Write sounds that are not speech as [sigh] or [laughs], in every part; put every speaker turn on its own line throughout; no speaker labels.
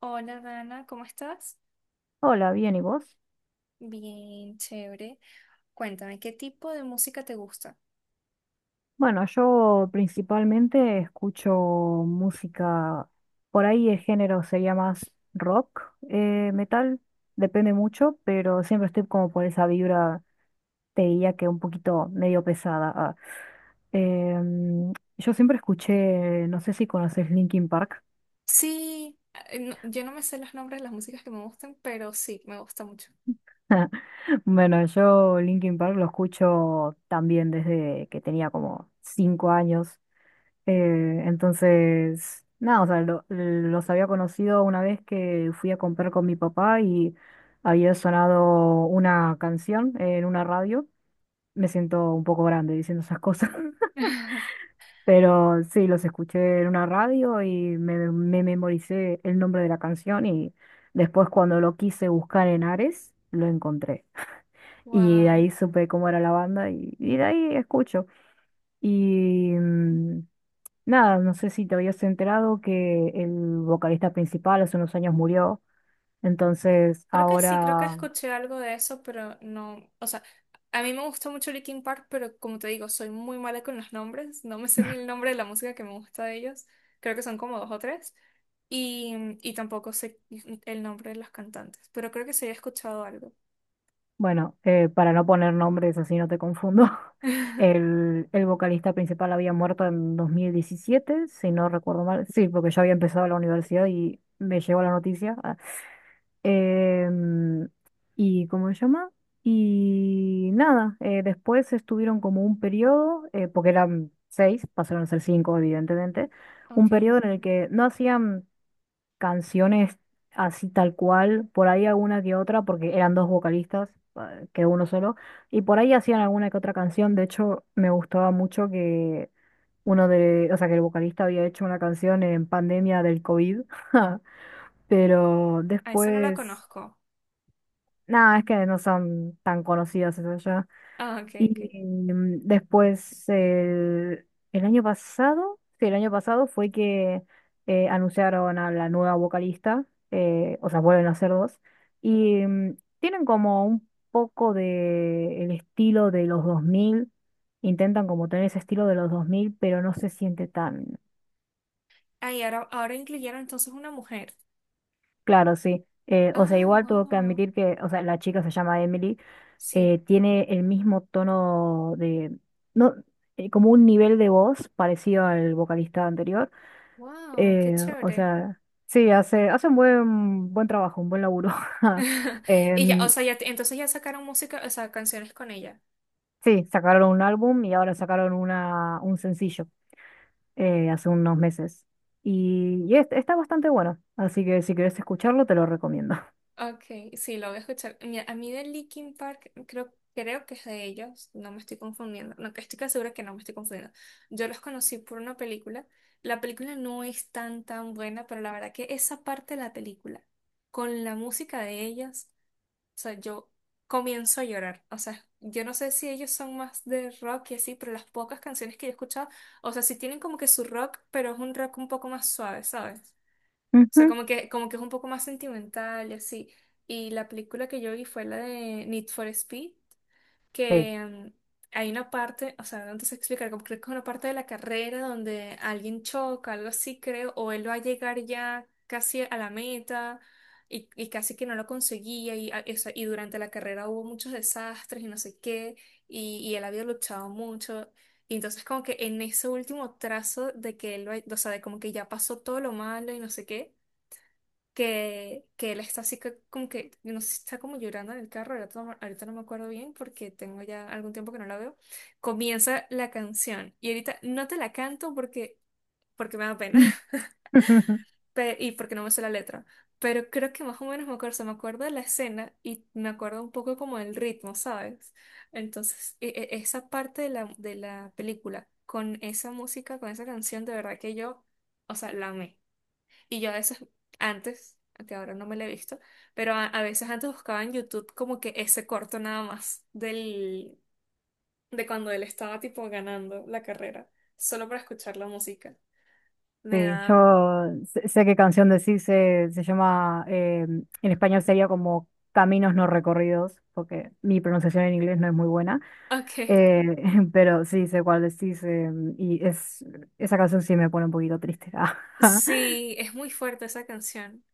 Hola Dana, ¿cómo estás?
Hola, bien, ¿y vos?
Bien, chévere. Cuéntame, ¿qué tipo de música te gusta?
Bueno, yo principalmente escucho música, por ahí el género sería más rock, metal, depende mucho, pero siempre estoy como por esa vibra, te diría que un poquito medio pesada. Ah. Yo siempre escuché, no sé si conoces Linkin Park.
Sí, yo no me sé los nombres de las músicas que me gustan, pero sí, me gusta mucho.
[laughs] Bueno, yo Linkin Park lo escucho también desde que tenía como 5 años. Entonces, nada, o sea, los había conocido una vez que fui a comprar con mi papá y había sonado una canción en una radio. Me siento un poco grande diciendo esas cosas. [laughs]
[laughs]
Pero sí, los escuché en una radio y me memoricé el nombre de la canción y después cuando lo quise buscar en Ares, lo encontré. Y de
Wow.
ahí supe cómo era la banda y de ahí escucho. Y... mm, Nada, no sé si te habías enterado que el vocalista principal hace unos años murió, entonces
Creo que sí, creo que
ahora,
escuché algo de eso, pero no, o sea, a mí me gusta mucho Linkin Park, pero como te digo, soy muy mala con los nombres, no me sé ni el nombre de la música que me gusta de ellos, creo que son como dos o tres, y, y tampoco sé el nombre de los cantantes, pero creo que sí he escuchado algo.
bueno, para no poner nombres así no te confundo. [laughs]
[laughs]
El el, vocalista principal había muerto en 2017 si no recuerdo mal, sí, porque yo había empezado la universidad y me llegó la noticia. Em, y cómo se llama. Y nada, después estuvieron como un periodo, porque eran seis, pasaron a ser cinco evidentemente, un
Ok.
periodo en el que no hacían canciones así tal cual, por ahí alguna que otra, porque eran dos vocalistas, que uno solo, y por ahí hacían alguna que otra canción. De hecho me gustaba mucho que uno de, o sea, que el vocalista había hecho una canción en pandemia del COVID. [laughs] Pero
Ah, esa no la
después
conozco.
no, es que no son tan conocidas esas ya.
Ah, ok, ok.
Y después, el año pasado, sí, el año pasado fue que anunciaron a la nueva vocalista, o sea, vuelven a ser dos, y tienen como un poco de el estilo de los 2000, intentan como tener ese estilo de los 2000 pero no se siente tan...
Ah, y ahora, ahora incluyeron entonces una mujer.
Claro, sí. O sea,
Ah,
igual tuvo que
wow.
admitir que, o sea, la chica se llama Emily,
Sí.
tiene el mismo tono de, no, como un nivel de voz parecido al vocalista anterior.
Wow, qué
O
chévere.
sea, sí, hace un buen trabajo, un buen laburo. [laughs]
[laughs] Y ya, o
Em,
sea, ya, entonces ya sacaron música, o sea, canciones con ella.
sí, sacaron un álbum y ahora sacaron un sencillo hace unos meses. Está bastante bueno, así que si querés escucharlo, te lo recomiendo.
Ok, sí, lo voy a escuchar. Mira, a mí de Linkin Park, creo, creo que es de ellos, no me estoy confundiendo. No, que estoy casi segura que no me estoy confundiendo. Yo los conocí por una película. La película no es tan, tan buena, pero la verdad que esa parte de la película, con la música de ellos. O sea, yo comienzo a llorar. O sea, yo no sé si ellos son más de rock y así, pero las pocas canciones que yo he escuchado, o sea, sí tienen como que su rock, pero es un rock un poco más suave, ¿sabes?
[laughs]
O sea,
Ujú.
como que es un poco más sentimental y así. Y la película que yo vi fue la de Need for Speed
Sí.
que hay una parte, o sea, no te sé explicar, como creo que es una parte de la carrera donde alguien choca, algo así creo, o él va a llegar ya casi a la meta y casi que no lo conseguía y, o sea, y durante la carrera hubo muchos desastres y no sé qué, y él había luchado mucho. Y entonces como que en ese último trazo de que o sea, de como que ya pasó todo lo malo y no sé qué que él está así que, como que, yo no sé si está como llorando en el carro, ahorita no me acuerdo bien porque tengo ya algún tiempo que no la veo, comienza la canción y ahorita no te la canto porque, porque me da pena [laughs]
[laughs]
porque no me sé la letra, pero creo que más o menos me acuerdo, se me acuerdo de la escena y me acuerdo un poco como el ritmo, ¿sabes? Entonces, esa parte de de la película con esa música, con esa canción, de verdad que yo, o sea, la amé. Y yo a veces antes, que ahora no me la he visto, pero a veces antes buscaba en YouTube como que ese corto nada más del, de cuando él estaba tipo ganando la carrera, solo para escuchar la música. Me
Sí,
da...
yo sé, sé qué canción decís, se llama, en español sería como Caminos no recorridos, porque mi pronunciación en inglés no es muy buena,
Ok,
eh, [laughs] pero sí sé cuál decís, y es, esa canción sí me pone un poquito triste. [laughs]
sí, es muy fuerte esa canción.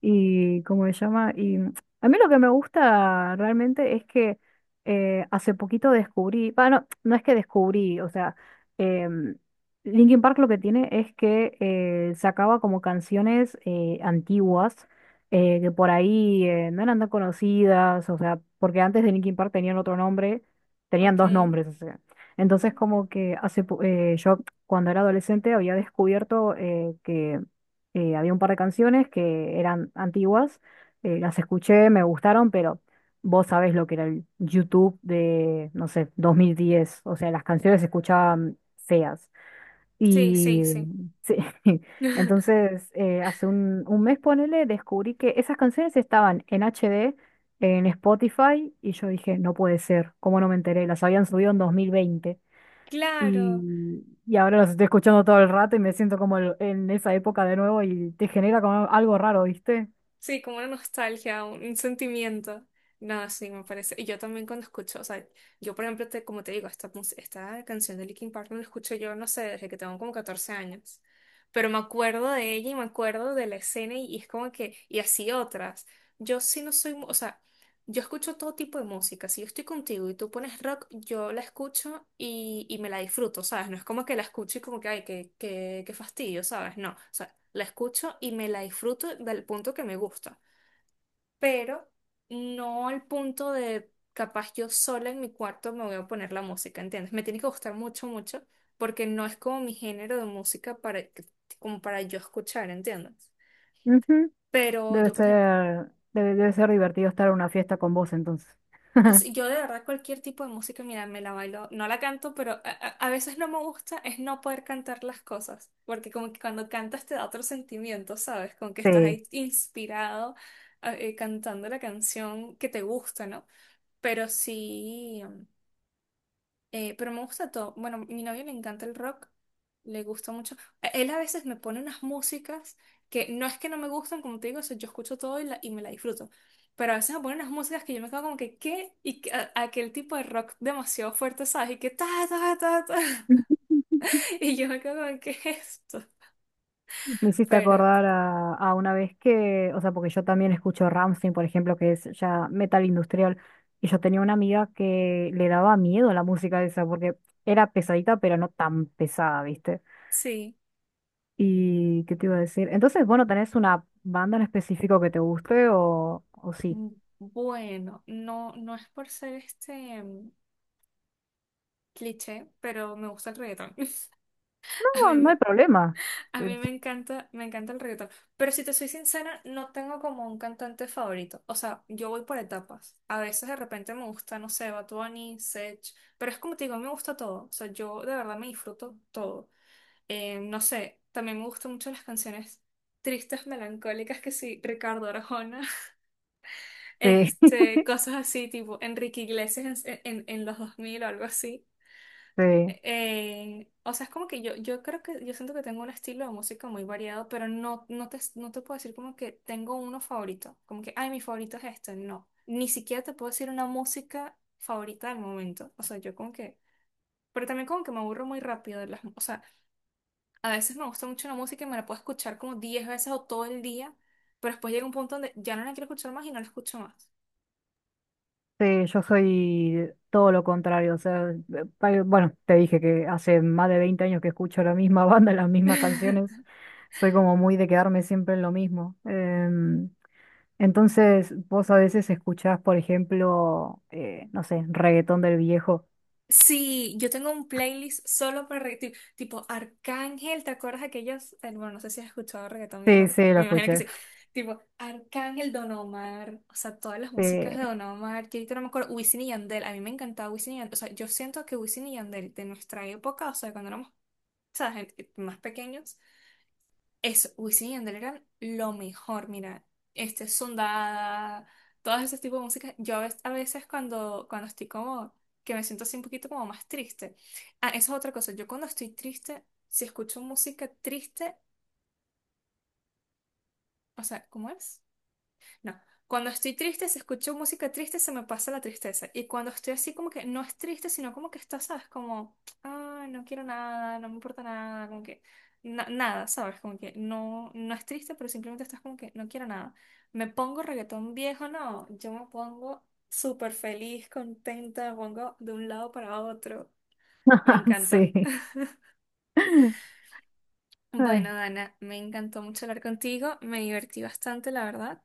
Y cómo se llama. Y a mí lo que me gusta realmente es que, hace poquito descubrí, bueno, no es que descubrí, o sea, em, Linkin Park lo que tiene es que sacaba como canciones antiguas, que por ahí, no eran tan conocidas, o sea, porque antes de Linkin Park tenían otro nombre, tenían dos
Ok.
nombres, o sea. Entonces como que yo cuando era adolescente había descubierto, que, había un par de canciones que eran antiguas, las escuché, me gustaron, pero vos sabés lo que era el YouTube de, no sé, 2010, o sea, las canciones se escuchaban feas.
Sí, sí,
Y
sí.
sí. [laughs]
[laughs]
Entonces, hace un mes, ponele, descubrí que esas canciones estaban en HD, en Spotify, y yo dije, no puede ser, ¿cómo no me enteré? Las habían subido en 2020.
Claro.
Y ahora los estoy escuchando todo el rato y me siento como en esa época de nuevo y te genera como algo raro, ¿viste?
Sí, como una nostalgia, un sentimiento. No, sí, me parece. Y yo también cuando escucho, o sea, yo por ejemplo, te, como te digo, esta canción de Linkin Park no la escucho yo, no sé, desde que tengo como 14 años. Pero me acuerdo de ella y me acuerdo de la escena y es como que, y así otras. Yo sí no soy, mu- O sea, yo escucho todo tipo de música. Si yo estoy contigo y tú pones rock, yo la escucho y me la disfruto, ¿sabes? No es como que la escucho y como que, ay, qué fastidio, ¿sabes? No, o sea, la escucho y me la disfruto del punto que me gusta, pero no al punto de capaz yo sola en mi cuarto me voy a poner la música, ¿entiendes? Me tiene que gustar mucho, mucho, porque no es como mi género de música para, como para yo escuchar, ¿entiendes?
Ujú.
Pero
Debe
yo, por ejemplo,
ser, debe ser divertido estar en una fiesta con vos entonces. [laughs]
sí. Yo de verdad cualquier tipo de música, mira, me la bailo, no la canto, pero a veces no me gusta es no poder cantar las cosas, porque como que cuando cantas te da otro sentimiento, ¿sabes? Como que estás
Sí.
ahí inspirado cantando la canción que te gusta, ¿no? Pero sí. Pero me gusta todo. Bueno, a mi novio le encanta el rock, le gusta mucho. Él a veces me pone unas músicas que no es que no me gustan, como te digo, o sea, yo escucho todo y me la disfruto. Pero a veces me pone unas músicas que yo me quedo como que, ¿qué? Y aquel tipo de rock demasiado fuerte, ¿sabes? Y que ta, ta, ta, ta.
[laughs]
[laughs] Y yo me quedo como, ¿qué es esto?
Me hiciste
Pero
acordar a una vez que, o sea, porque yo también escucho Rammstein, por ejemplo, que es ya metal industrial, y yo tenía una amiga que le daba miedo la música esa, porque era pesadita, pero no tan pesada, ¿viste?
sí.
¿Y qué te iba a decir? Entonces, bueno, ¿tenés una banda en específico que te guste o sí?
Mm, bueno, no, no es por ser cliché, pero me gusta el reggaetón. [laughs] A
No,
mí
no
me-
hay problema.
A mí
Este,
me encanta el reggaetón. Pero si te soy sincera, no tengo como un cantante favorito. O sea, yo voy por etapas. A veces de repente me gusta, no sé, Bad Bunny, Sech. Pero es como te digo, me gusta todo. O sea, yo de verdad me disfruto todo. No sé, también me gustan mucho las canciones tristes, melancólicas, que sí, Ricardo Arjona. [laughs]
sí, [laughs]
Este, cosas así, tipo Enrique Iglesias en, en los 2000 o algo así.
sí,
O sea, es como que yo creo que yo siento que tengo un estilo de música muy variado, pero no, no te puedo decir como que tengo uno favorito, como que, ay, mi favorito es este, no, ni siquiera te puedo decir una música favorita del momento, o sea, yo como que, pero también como que me aburro muy rápido de las, o sea, a veces me gusta mucho una música y me la puedo escuchar como 10 veces o todo el día, pero después llega un punto donde ya no la quiero escuchar más y no la escucho más.
sí, yo soy todo lo contrario. O sea, bueno, te dije que hace más de 20 años que escucho la misma [laughs] banda, las mismas
[laughs]
canciones. Soy como muy de quedarme siempre en lo mismo. Entonces, vos a veces escuchás, por ejemplo, no sé, reggaetón del viejo.
Sí, yo tengo un playlist solo para reggaetón, tipo Arcángel, ¿te acuerdas aquellos? Eh, bueno, no sé si has escuchado reggaetón
Sí,
viejo,
sí, lo
me imagino que
escuché.
sí. Tipo Arcángel, Don Omar, o sea, todas las
Sí.
músicas de Don Omar, que ahorita no me acuerdo, Wisin y Yandel, a mí me encantaba Wisin y Yandel, o sea, yo siento que Wisin y Yandel de nuestra época, o sea, cuando éramos, ¿sabes? Más pequeños, eso, Wisin y Yandel eran lo mejor, mira, este Sundada, todos esos tipos de música. Yo a veces cuando estoy como, que me siento así un poquito como más triste. Ah, eso es otra cosa, yo cuando estoy triste, si escucho música triste, o sea, ¿cómo es? No. Cuando estoy triste, si escucho música triste, se me pasa la tristeza. Y cuando estoy así, como que no es triste, sino como que está, ¿sabes? Como, ah, no quiero nada, no me importa nada, como que nada, ¿sabes? Como que no, no es triste, pero simplemente estás como que no quiero nada. Me pongo reggaetón viejo, no. Yo me pongo súper feliz, contenta, me pongo de un lado para otro. Me
[laughs]
encanta.
Sí.
[laughs]
[laughs] Ay.
Bueno, Dana, me encantó mucho hablar contigo. Me divertí bastante, la verdad.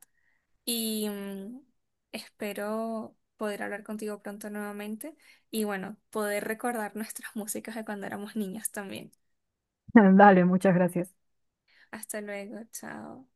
Y espero poder hablar contigo pronto nuevamente y bueno, poder recordar nuestras [laughs] músicas de cuando éramos niños también.
[laughs] Dale, muchas gracias.
Hasta luego, chao.